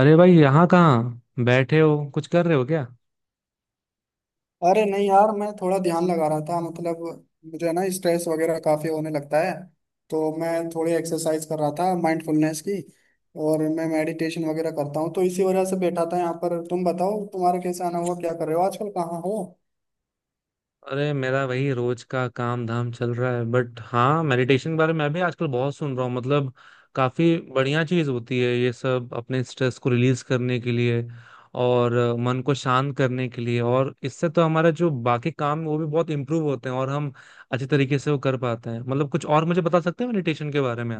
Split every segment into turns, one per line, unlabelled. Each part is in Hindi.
अरे भाई, यहाँ कहाँ बैठे हो? कुछ कर रहे हो क्या?
अरे नहीं यार, मैं थोड़ा ध्यान लगा रहा था। मतलब मुझे है ना स्ट्रेस वगैरह काफी होने लगता है, तो मैं थोड़ी एक्सरसाइज कर रहा था माइंडफुलनेस की। और मैं मेडिटेशन वगैरह करता हूँ, तो इसी वजह से बैठा था यहाँ पर। तुम बताओ, तुम्हारा कैसा आना हुआ, क्या कर रहे हो आजकल, कहाँ हो।
अरे, मेरा वही रोज का काम धाम चल रहा है। बट हाँ, मेडिटेशन के बारे में मैं भी आजकल बहुत सुन रहा हूँ। काफी बढ़िया चीज होती है ये सब, अपने स्ट्रेस को रिलीज करने के लिए और मन को शांत करने के लिए। और इससे तो हमारा जो बाकी काम है, वो भी बहुत इम्प्रूव होते हैं और हम अच्छे तरीके से वो कर पाते हैं। मतलब, कुछ और मुझे बता सकते हैं मेडिटेशन के बारे में?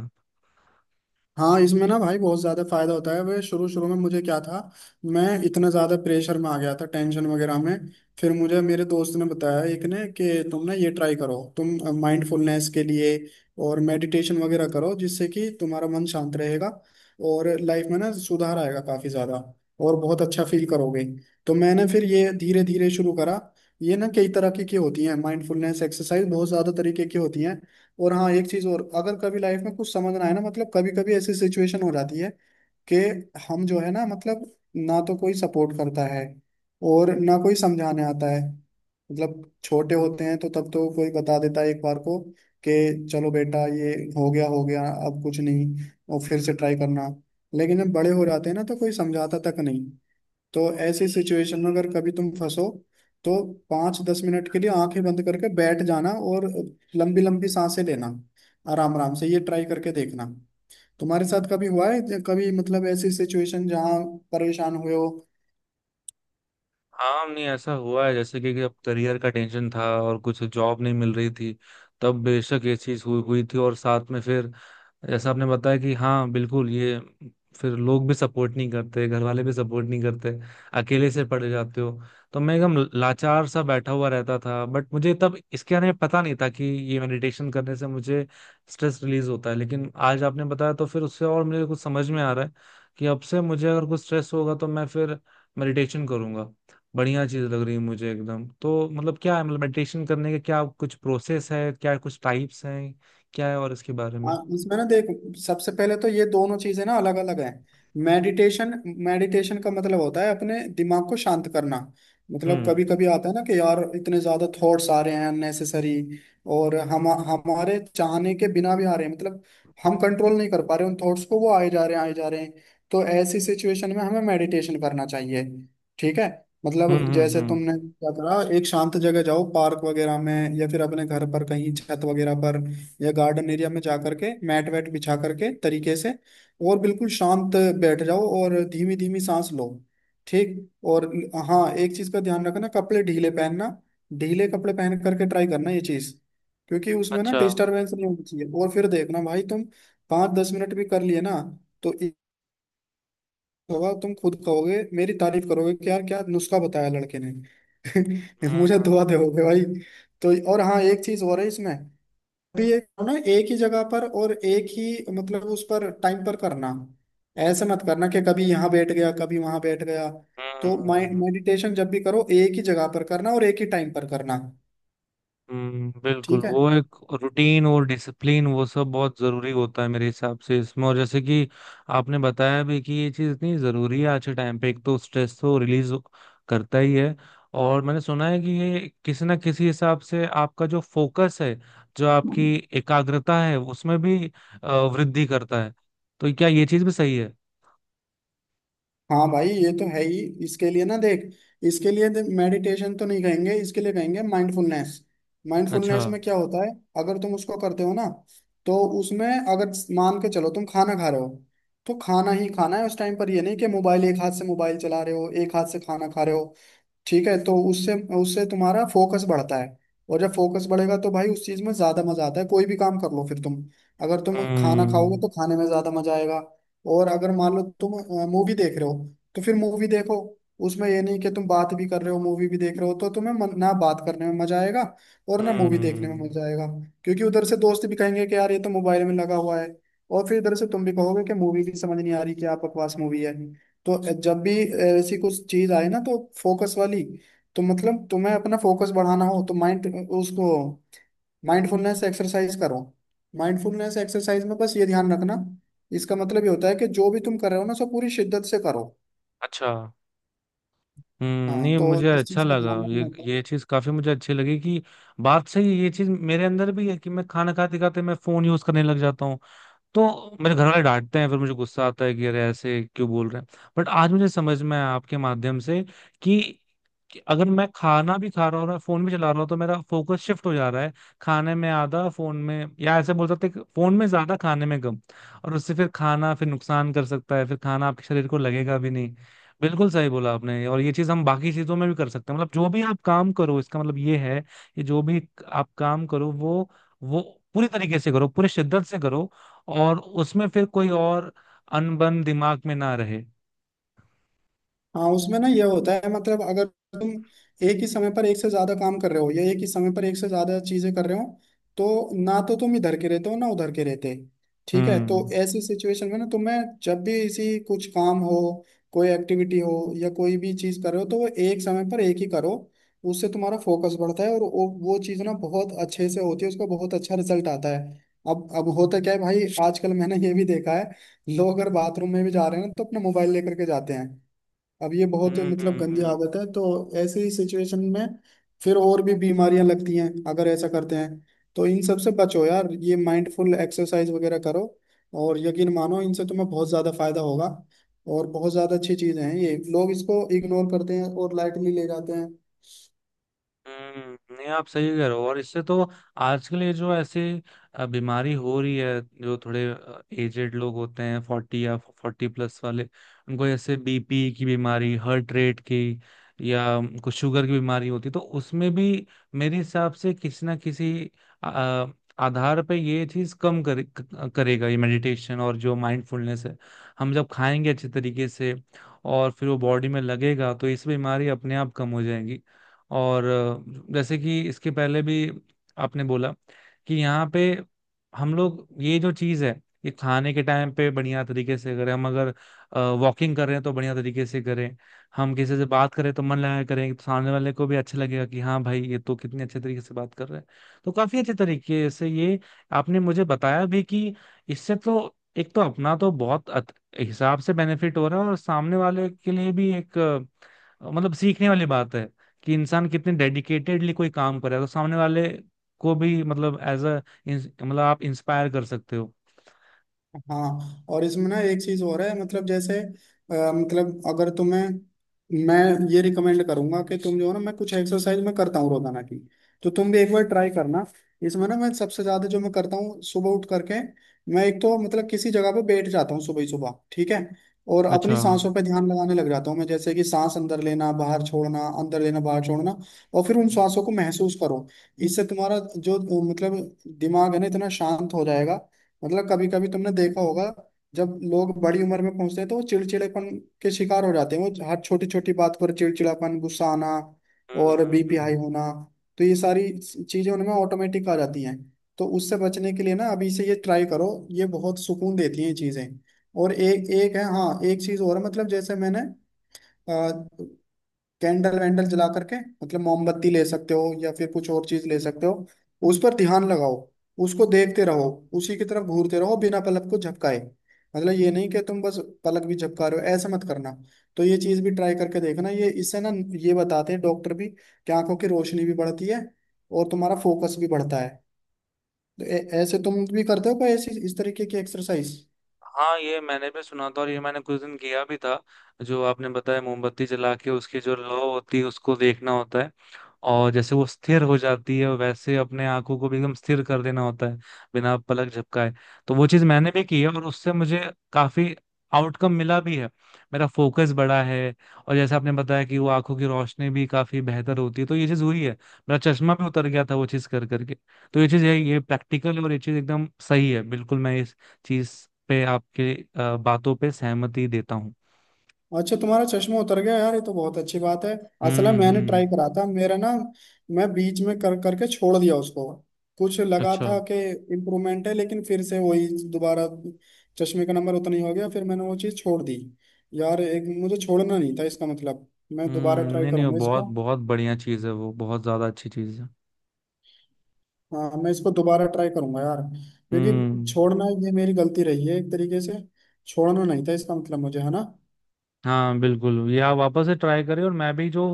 हाँ, इसमें ना भाई बहुत ज़्यादा फायदा होता है। वे शुरू शुरू में मुझे क्या था, मैं इतना ज़्यादा प्रेशर में आ गया था, टेंशन वगैरह में। फिर मुझे मेरे दोस्त ने बताया एक ने कि तुम ना ये ट्राई करो, तुम माइंडफुलनेस के लिए और मेडिटेशन वगैरह करो, जिससे कि तुम्हारा मन शांत रहेगा और लाइफ में ना सुधार आएगा काफ़ी ज़्यादा और बहुत अच्छा फील करोगे। तो मैंने फिर ये धीरे धीरे शुरू करा। ये ना कई तरह की होती हैं, माइंडफुलनेस एक्सरसाइज बहुत ज़्यादा तरीके की होती हैं। और हाँ, एक चीज और, अगर कभी लाइफ में कुछ समझ ना आए ना, मतलब कभी कभी ऐसी सिचुएशन हो जाती है कि हम जो है ना, मतलब ना तो कोई सपोर्ट करता है और ना कोई समझाने आता है। मतलब छोटे होते हैं तो तब तो कोई बता देता है एक बार को कि चलो बेटा, ये हो गया हो गया, अब कुछ नहीं, और फिर से ट्राई करना। लेकिन जब बड़े हो जाते हैं ना, तो कोई समझाता तक नहीं। तो ऐसी सिचुएशन में अगर कभी तुम फंसो, तो 5-10 मिनट के लिए आंखें बंद करके बैठ जाना और लंबी लंबी सांसें लेना, आराम आराम से ये ट्राई करके देखना। तुम्हारे साथ कभी हुआ है, कभी मतलब ऐसी सिचुएशन जहाँ परेशान हुए हो।
हाँ, नहीं ऐसा हुआ है। जैसे कि अब करियर का टेंशन था और कुछ जॉब नहीं मिल रही थी, तब बेशक ये चीज हुई हुई थी। और साथ में फिर जैसा आपने बताया कि हाँ, बिल्कुल ये, फिर लोग भी सपोर्ट नहीं करते, घर वाले भी सपोर्ट नहीं करते, अकेले से पड़ जाते हो। तो मैं एकदम लाचार सा बैठा हुआ रहता था। बट मुझे तब इसके बारे में पता नहीं था कि ये मेडिटेशन करने से मुझे स्ट्रेस रिलीज होता है। लेकिन आज आपने बताया तो फिर उससे और मुझे कुछ समझ में आ रहा है कि अब से मुझे अगर कुछ स्ट्रेस होगा तो मैं फिर मेडिटेशन करूंगा। बढ़िया चीज लग रही है मुझे एकदम। तो मतलब क्या है? मतलब मेडिटेशन करने के क्या कुछ प्रोसेस है? क्या कुछ टाइप्स हैं? क्या है और इसके बारे
हाँ,
में?
इसमें ना देख, सबसे पहले तो ये दोनों चीजें ना अलग अलग हैं। मेडिटेशन, मेडिटेशन का मतलब होता है अपने दिमाग को शांत करना। मतलब
हम्म।
कभी कभी आता है ना कि यार इतने ज्यादा थॉट्स आ रहे हैं अननेसेसरी, और हम हमारे चाहने के बिना भी आ रहे हैं। मतलब हम कंट्रोल नहीं कर पा रहे उन थॉट्स को, वो आए जा रहे हैं आए जा रहे हैं। तो ऐसी सिचुएशन में हमें मेडिटेशन करना चाहिए। ठीक है।
हम्म
मतलब
हम्म
जैसे
हम्म,
तुमने क्या करा, एक शांत जगह जाओ पार्क वगैरह में, या फिर अपने घर पर कहीं छत वगैरह पर, या गार्डन एरिया में जा करके, मैट वैट बिछा करके तरीके से, और बिल्कुल शांत बैठ जाओ और धीमी धीमी सांस लो। ठीक। और हाँ, एक चीज का ध्यान रखना, कपड़े ढीले पहनना। ढीले कपड़े पहन करके ट्राई करना ये चीज, क्योंकि उसमें ना
अच्छा।
डिस्टरबेंस नहीं होनी चाहिए। और फिर देखना भाई तुम 5-10 मिनट भी कर लिए ना, तो एक होगा, तुम खुद कहोगे, मेरी तारीफ करोगे कि यार क्या नुस्खा बताया लड़के ने। मुझे
हम्म
दुआ दोगे भाई। तो और हाँ, एक चीज और है इसमें भी, ये करो ना एक ही जगह पर और एक ही मतलब उस पर टाइम पर करना। ऐसे मत करना कि कभी यहाँ बैठ गया कभी वहां बैठ गया। तो
हम्म।
मेडिटेशन जब भी करो एक ही जगह पर करना और एक ही टाइम पर करना।
बिल्कुल।
ठीक है।
वो एक रूटीन और डिसिप्लिन, वो सब बहुत जरूरी होता है मेरे हिसाब से इसमें। और जैसे कि आपने बताया भी कि ये चीज इतनी जरूरी है आज के टाइम पे, एक तो स्ट्रेस तो रिलीज करता ही है। और मैंने सुना है कि ये किसी ना किसी हिसाब से आपका जो फोकस है, जो आपकी एकाग्रता है, उसमें भी वृद्धि करता है। तो क्या ये चीज भी सही है?
हाँ भाई, ये तो है ही। इसके लिए ना देख, इसके लिए मेडिटेशन तो नहीं कहेंगे, इसके लिए कहेंगे माइंडफुलनेस।
अच्छा।
माइंडफुलनेस में क्या होता है, अगर तुम उसको करते हो ना, तो उसमें अगर मान के चलो तुम खाना खा रहे हो, तो खाना ही खाना है उस टाइम पर। ये नहीं कि मोबाइल एक हाथ से मोबाइल चला रहे हो, एक हाथ से खाना खा रहे हो। ठीक है। तो उससे, उससे तुम्हारा फोकस बढ़ता है। और जब फोकस बढ़ेगा तो भाई उस चीज में ज्यादा मजा आता है। कोई भी काम कर लो फिर तुम, अगर तुम खाना खाओगे
हम्म
तो खाने में ज्यादा मजा आएगा। और अगर मान लो तुम मूवी देख रहे हो, तो फिर मूवी देखो। उसमें ये नहीं कि तुम बात भी कर रहे हो, मूवी भी देख रहे हो। तो तुम्हें मन, ना बात करने में मजा आएगा और ना मूवी देखने में
हम्म
मजा आएगा। क्योंकि उधर से दोस्त भी कहेंगे कि यार ये तो मोबाइल में लगा हुआ है, और फिर इधर से तुम भी कहोगे कि मूवी भी समझ नहीं आ रही, कि आप बकवास मूवी है। तो जब भी ऐसी कुछ चीज आए ना, तो फोकस वाली, तो मतलब तुम्हें अपना फोकस बढ़ाना हो तो माइंड, उसको माइंडफुलनेस एक्सरसाइज करो। माइंडफुलनेस एक्सरसाइज में बस ये ध्यान रखना, इसका मतलब ये होता है कि जो भी तुम कर रहे हो ना सब पूरी शिद्दत से करो।
अच्छा। हम्म,
हाँ
नहीं
तो
मुझे
इस
अच्छा
चीज का
लगा
ध्यान
ये।
रखना होता है।
ये चीज काफी मुझे अच्छी लगी कि बात सही है। ये चीज मेरे अंदर भी है कि मैं खाना खाते खाते मैं फोन यूज करने लग जाता हूँ तो मेरे घर वाले डांटते हैं, फिर मुझे गुस्सा आता है कि अरे ऐसे क्यों बोल रहे हैं। बट आज मुझे समझ में आया आपके माध्यम से कि, कि अगर मैं खाना भी खा रहा हूँ और फोन भी चला रहा हूँ तो मेरा फोकस शिफ्ट हो जा रहा है। खाने में आधा, फोन में, या ऐसे बोल सकते हैं कि फोन में ज्यादा, खाने में कम। और उससे फिर खाना फिर नुकसान कर सकता है, फिर खाना आपके शरीर को लगेगा भी नहीं। बिल्कुल सही बोला आपने। और ये चीज हम बाकी चीजों में भी कर सकते हैं। मतलब जो भी आप काम करो, इसका मतलब ये है कि जो भी आप काम करो वो पूरी तरीके से करो, पूरी शिद्दत से करो। और उसमें फिर कोई और अनबन दिमाग में ना रहे।
हाँ उसमें ना ये होता है, मतलब अगर तुम एक ही समय पर एक से ज्यादा काम कर रहे हो, या एक ही समय पर एक से ज्यादा चीजें कर रहे हो, तो ना तो तुम इधर के रहते हो ना उधर के रहते। ठीक है। तो
हम्म
ऐसी सिचुएशन में ना तुम्हें जब भी इसी कुछ काम हो, कोई एक्टिविटी हो या कोई भी चीज कर रहे हो, तो वो एक समय पर एक ही करो। उससे तुम्हारा फोकस बढ़ता है और वो चीज ना बहुत अच्छे से होती है, उसका बहुत अच्छा रिजल्ट आता है। अब होता क्या है भाई, आजकल मैंने ये भी देखा है, लोग अगर बाथरूम में भी जा रहे हैं ना, तो अपना मोबाइल लेकर के जाते हैं। अब ये बहुत
हम्म
मतलब
हम्म,
गंदी
हम्म,
आदत है। तो ऐसे ही सिचुएशन में फिर और भी बीमारियां लगती हैं अगर ऐसा करते हैं। तो इन सब से बचो यार, ये माइंडफुल एक्सरसाइज वगैरह करो। और यकीन मानो इनसे तुम्हें बहुत ज़्यादा फायदा होगा। और बहुत ज़्यादा अच्छी चीज़ें हैं ये, लोग इसको इग्नोर करते हैं और लाइटली ले जाते हैं।
नहीं आप सही कह रहे हो। और इससे तो आजकल ये जो ऐसी बीमारी हो रही है, जो थोड़े एजेड लोग होते हैं, फोर्टी या फोर्टी प्लस वाले, उनको ऐसे बीपी की बीमारी, हार्ट रेट की, या कुछ शुगर की बीमारी होती है, तो उसमें भी मेरे हिसाब से किसी ना किसी अ, आधार पे ये चीज करेगा ये मेडिटेशन और जो माइंडफुलनेस है। हम जब खाएंगे अच्छे तरीके से और फिर वो बॉडी में लगेगा तो इस बीमारी अपने आप कम हो जाएंगी। और जैसे कि इसके पहले भी आपने बोला कि यहाँ पे हम लोग ये जो चीज़ है, ये खाने के टाइम पे बढ़िया तरीके से करें, हम अगर वॉकिंग कर रहे हैं तो बढ़िया तरीके से करें, हम किसी से बात करें तो मन लगा करें, तो सामने वाले को भी अच्छा लगेगा कि हाँ भाई, ये तो कितने अच्छे तरीके से बात कर रहे हैं। तो काफी अच्छे तरीके से ये आपने मुझे बताया भी कि इससे तो एक तो अपना तो बहुत हिसाब से बेनिफिट हो रहा है, और सामने वाले के लिए भी एक मतलब सीखने वाली बात है कि इंसान कितने डेडिकेटेडली कोई काम करे तो सामने वाले को भी, मतलब एज अ, मतलब आप इंस्पायर कर सकते हो।
हाँ और इसमें ना एक चीज और है, मतलब जैसे मतलब अगर तुम्हें, मैं ये रिकमेंड करूंगा कि तुम जो है ना, मैं कुछ एक्सरसाइज मैं करता हूँ रोजाना की, तो तुम भी एक बार ट्राई करना। इसमें ना मैं सबसे ज्यादा जो मैं करता हूँ सुबह उठ करके, मैं एक तो मतलब किसी जगह पे बैठ जाता हूँ सुबह ही सुबह। ठीक है। और अपनी
अच्छा।
सांसों पे ध्यान लगाने लग जाता हूँ मैं, जैसे कि सांस अंदर लेना बाहर छोड़ना, अंदर लेना बाहर छोड़ना। और फिर उन सांसों को महसूस करो। इससे तुम्हारा जो मतलब दिमाग है ना, इतना शांत हो जाएगा। मतलब कभी कभी तुमने देखा होगा, जब लोग बड़ी उम्र में पहुंचते हैं तो वो चिड़चिड़ेपन के शिकार हो जाते हैं। वो हर छोटी छोटी बात पर चिड़चिड़ापन, गुस्सा आना
हम्म,
और बीपी
हम्म।
हाई होना, तो ये सारी चीजें उनमें ऑटोमेटिक आ जाती हैं। तो उससे बचने के लिए ना अभी से ये ट्राई करो, ये बहुत सुकून देती हैं ये चीजें। और एक एक है हाँ, एक चीज और है, मतलब जैसे मैंने कैंडल वैंडल जला करके, मतलब मोमबत्ती ले सकते हो या फिर कुछ और चीज ले सकते हो, उस पर ध्यान लगाओ, उसको देखते रहो, उसी की तरफ घूरते रहो बिना पलक को झपकाए। मतलब ये नहीं कि तुम बस पलक भी झपका रहे हो, ऐसा मत करना। तो ये चीज भी ट्राई करके देखना। ये इससे ना, ये बताते हैं डॉक्टर भी कि आंखों की रोशनी भी बढ़ती है और तुम्हारा फोकस भी बढ़ता है। तो ऐसे तुम भी करते हो कोई ऐसी इस तरीके की एक्सरसाइज?
हाँ, ये मैंने भी सुना था और ये मैंने कुछ दिन किया भी था। जो आपने बताया, मोमबत्ती जला के उसकी जो लौ होती है उसको देखना होता है, और जैसे वो स्थिर हो जाती है वैसे अपने आंखों को भी एकदम स्थिर कर देना होता है, बिना पलक झपकाए। तो वो चीज मैंने भी की है और उससे मुझे काफी आउटकम मिला भी है। मेरा फोकस बढ़ा है। और जैसे आपने बताया कि वो आंखों की रोशनी भी काफी बेहतर होती है, तो ये चीज हुई है। मेरा चश्मा भी उतर गया था वो चीज कर करके। तो ये चीज है, ये प्रैक्टिकल, और ये चीज एकदम सही है। बिल्कुल मैं चीज पे आपके बातों पे सहमति देता हूँ।
अच्छा, तुम्हारा चश्मा उतर गया यार, ये तो बहुत अच्छी बात है। असल में
हम्म
मैंने
हम्म
ट्राई करा था, मेरा ना मैं बीच में कर करके छोड़ दिया उसको। कुछ लगा
अच्छा।
था कि इम्प्रूवमेंट है, लेकिन फिर से वही दोबारा चश्मे का नंबर उतना ही हो गया, फिर मैंने वो चीज़ छोड़ दी। यार एक मुझे छोड़ना नहीं था, इसका मतलब मैं दोबारा
हम्म,
ट्राई
नहीं नहीं वो
करूंगा
बहुत
इसको।
बहुत बढ़िया चीज है, वो बहुत ज्यादा अच्छी चीज है।
हाँ मैं इसको दोबारा ट्राई करूंगा यार, क्योंकि
हम्म।
छोड़ना ये मेरी गलती रही है एक तरीके से। छोड़ना नहीं था इसका मतलब मुझे है ना।
हाँ बिल्कुल, ये आप वापस से ट्राई करें। और मैं भी जो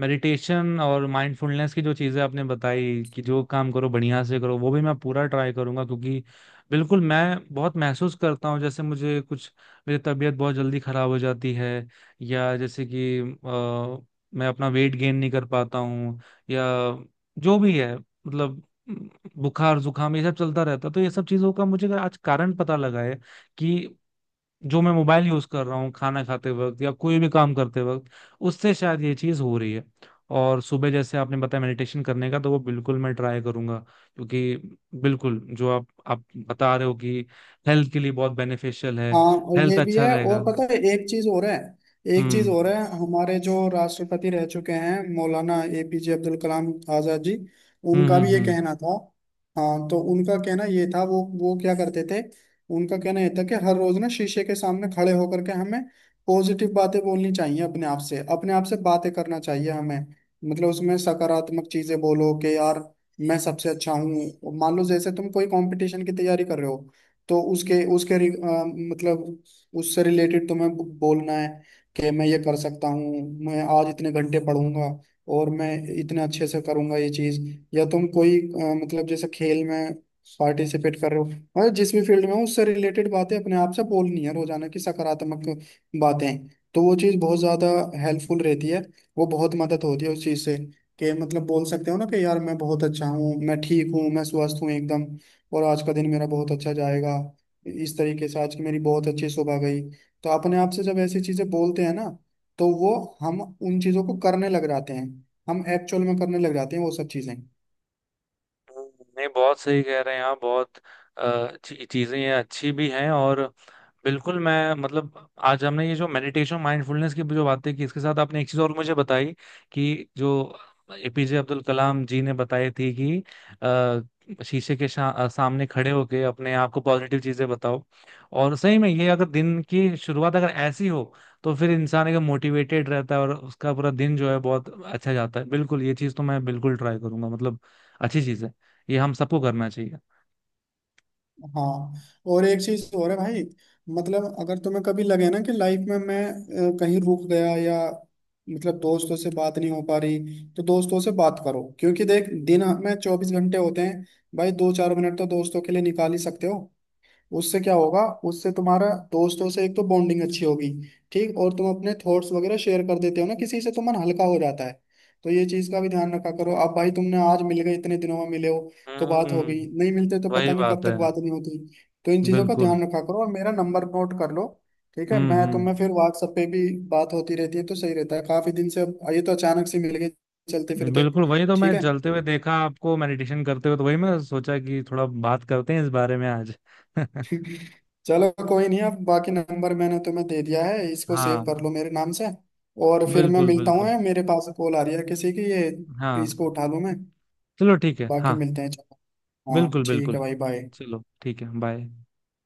मेडिटेशन और माइंडफुलनेस की जो चीज़ें आपने बताई कि जो काम करो बढ़िया से करो, वो भी मैं पूरा ट्राई करूंगा। क्योंकि बिल्कुल मैं बहुत महसूस करता हूँ, जैसे मुझे कुछ, मेरी तबीयत बहुत जल्दी खराब हो जाती है, या जैसे कि मैं अपना वेट गेन नहीं कर पाता हूँ, या जो भी है। मतलब बुखार जुकाम ये सब चलता रहता है। तो ये सब चीज़ों का मुझे आज कारण पता लगा है कि जो मैं मोबाइल यूज कर रहा हूँ खाना खाते वक्त या कोई भी काम करते वक्त, उससे शायद ये चीज हो रही है। और सुबह जैसे आपने बताया मेडिटेशन करने का, तो वो बिल्कुल मैं ट्राई करूंगा। क्योंकि बिल्कुल जो आप बता रहे हो कि हेल्थ के लिए बहुत बेनिफिशियल है,
हाँ और
हेल्थ
ये भी
अच्छा
है,
रहेगा।
और पता है एक चीज और है, एक चीज
हम्म
और है, हमारे जो राष्ट्रपति रह चुके हैं, मौलाना एपीजे अब्दुल कलाम आजाद जी, उनका भी ये
हम्म,
कहना था। हाँ तो उनका कहना ये था, वो क्या करते थे, उनका कहना ये था कि हर रोज ना शीशे के सामने खड़े होकर के हमें पॉजिटिव बातें बोलनी चाहिए, अपने आप से बातें करना चाहिए हमें। मतलब उसमें सकारात्मक चीजें बोलो कि यार मैं सबसे अच्छा हूँ। मान लो जैसे तुम कोई कंपटीशन की तैयारी कर रहे हो, तो उसके उसके रि- अ, मतलब उससे रिलेटेड तुम्हें बोलना है कि मैं ये कर सकता हूँ, मैं आज इतने घंटे पढ़ूंगा और मैं इतने अच्छे से करूंगा ये चीज। या तुम कोई मतलब जैसे खेल में पार्टिसिपेट कर रहे हो, मतलब जिस भी फील्ड में हो उससे रिलेटेड बातें अपने आप से बोलनी है रोजाना की, सकारात्मक बातें। तो वो चीज़ बहुत ज्यादा हेल्पफुल रहती है, वो बहुत मदद होती है उस चीज से। कि मतलब बोल सकते हो ना कि यार मैं बहुत अच्छा हूँ, मैं ठीक हूँ, मैं स्वस्थ हूँ एकदम, और आज का दिन मेरा बहुत अच्छा जाएगा। इस तरीके से, आज की मेरी बहुत अच्छी सुबह गई। तो अपने आप से जब ऐसी चीजें बोलते हैं ना, तो वो, हम उन चीजों को करने लग जाते हैं, हम एक्चुअल में करने लग जाते हैं वो सब चीजें।
नहीं बहुत सही कह रहे हैं आप। बहुत चीजें ये अच्छी भी हैं। और बिल्कुल मैं, मतलब आज हमने ये जो मेडिटेशन माइंडफुलनेस की जो बातें की, इसके साथ आपने एक चीज और मुझे बताई कि जो एपीजे अब्दुल कलाम जी ने बताई थी कि शीशे के सामने खड़े होके अपने आप को पॉजिटिव चीजें बताओ। और सही में ये अगर दिन की शुरुआत अगर ऐसी हो तो फिर इंसान एकदम मोटिवेटेड रहता है और उसका पूरा दिन जो है बहुत अच्छा जाता है। बिल्कुल ये चीज तो मैं बिल्कुल ट्राई करूंगा। मतलब अच्छी चीज है, ये हम सबको करना चाहिए।
हाँ और एक चीज और है भाई, मतलब अगर तुम्हें कभी लगे ना कि लाइफ में मैं कहीं रुक गया, या मतलब दोस्तों से बात नहीं हो पा रही, तो दोस्तों से बात करो। क्योंकि देख दिन में 24 घंटे होते हैं भाई, 2-4 मिनट तो दोस्तों के लिए निकाल ही सकते हो। उससे क्या होगा, उससे तुम्हारा दोस्तों से एक तो बॉन्डिंग अच्छी होगी। ठीक। और तुम अपने थॉट्स वगैरह शेयर कर देते हो ना किसी से, तो मन हल्का हो जाता है। तो ये चीज का भी ध्यान रखा करो। अब भाई तुमने आज मिल गए, इतने दिनों में मिले हो, तो बात हो गई,
हम्म,
नहीं मिलते तो पता
वही
नहीं कब
बात
तक
है।
बात नहीं होती। तो इन चीजों का
बिल्कुल।
ध्यान रखा करो, और मेरा नंबर नोट कर लो। ठीक है,
हम्म
मैं तुम्हें
हम्म
फिर व्हाट्सएप पे भी बात होती रहती है तो सही रहता है, काफी दिन से अब ये तो अचानक से मिल गए चलते फिरते।
बिल्कुल। वही तो
ठीक
मैं
है,
चलते हुए देखा आपको मेडिटेशन करते हुए, तो वही मैं सोचा कि थोड़ा बात करते हैं इस बारे में आज।
चलो कोई नहीं, अब बाकी नंबर मैंने तुम्हें दे दिया है, इसको सेव कर
हाँ,
लो मेरे नाम से। और फिर मैं
बिल्कुल
मिलता हूँ
बिल्कुल।
यार, मेरे पास कॉल आ रही है किसी की, ये
हाँ,
इसको उठा लूँ मैं।
चलो ठीक है।
बाकी
हाँ,
मिलते हैं, चलो। हाँ
बिल्कुल
ठीक है
बिल्कुल।
भाई, बाय।
चलो ठीक है, बाय।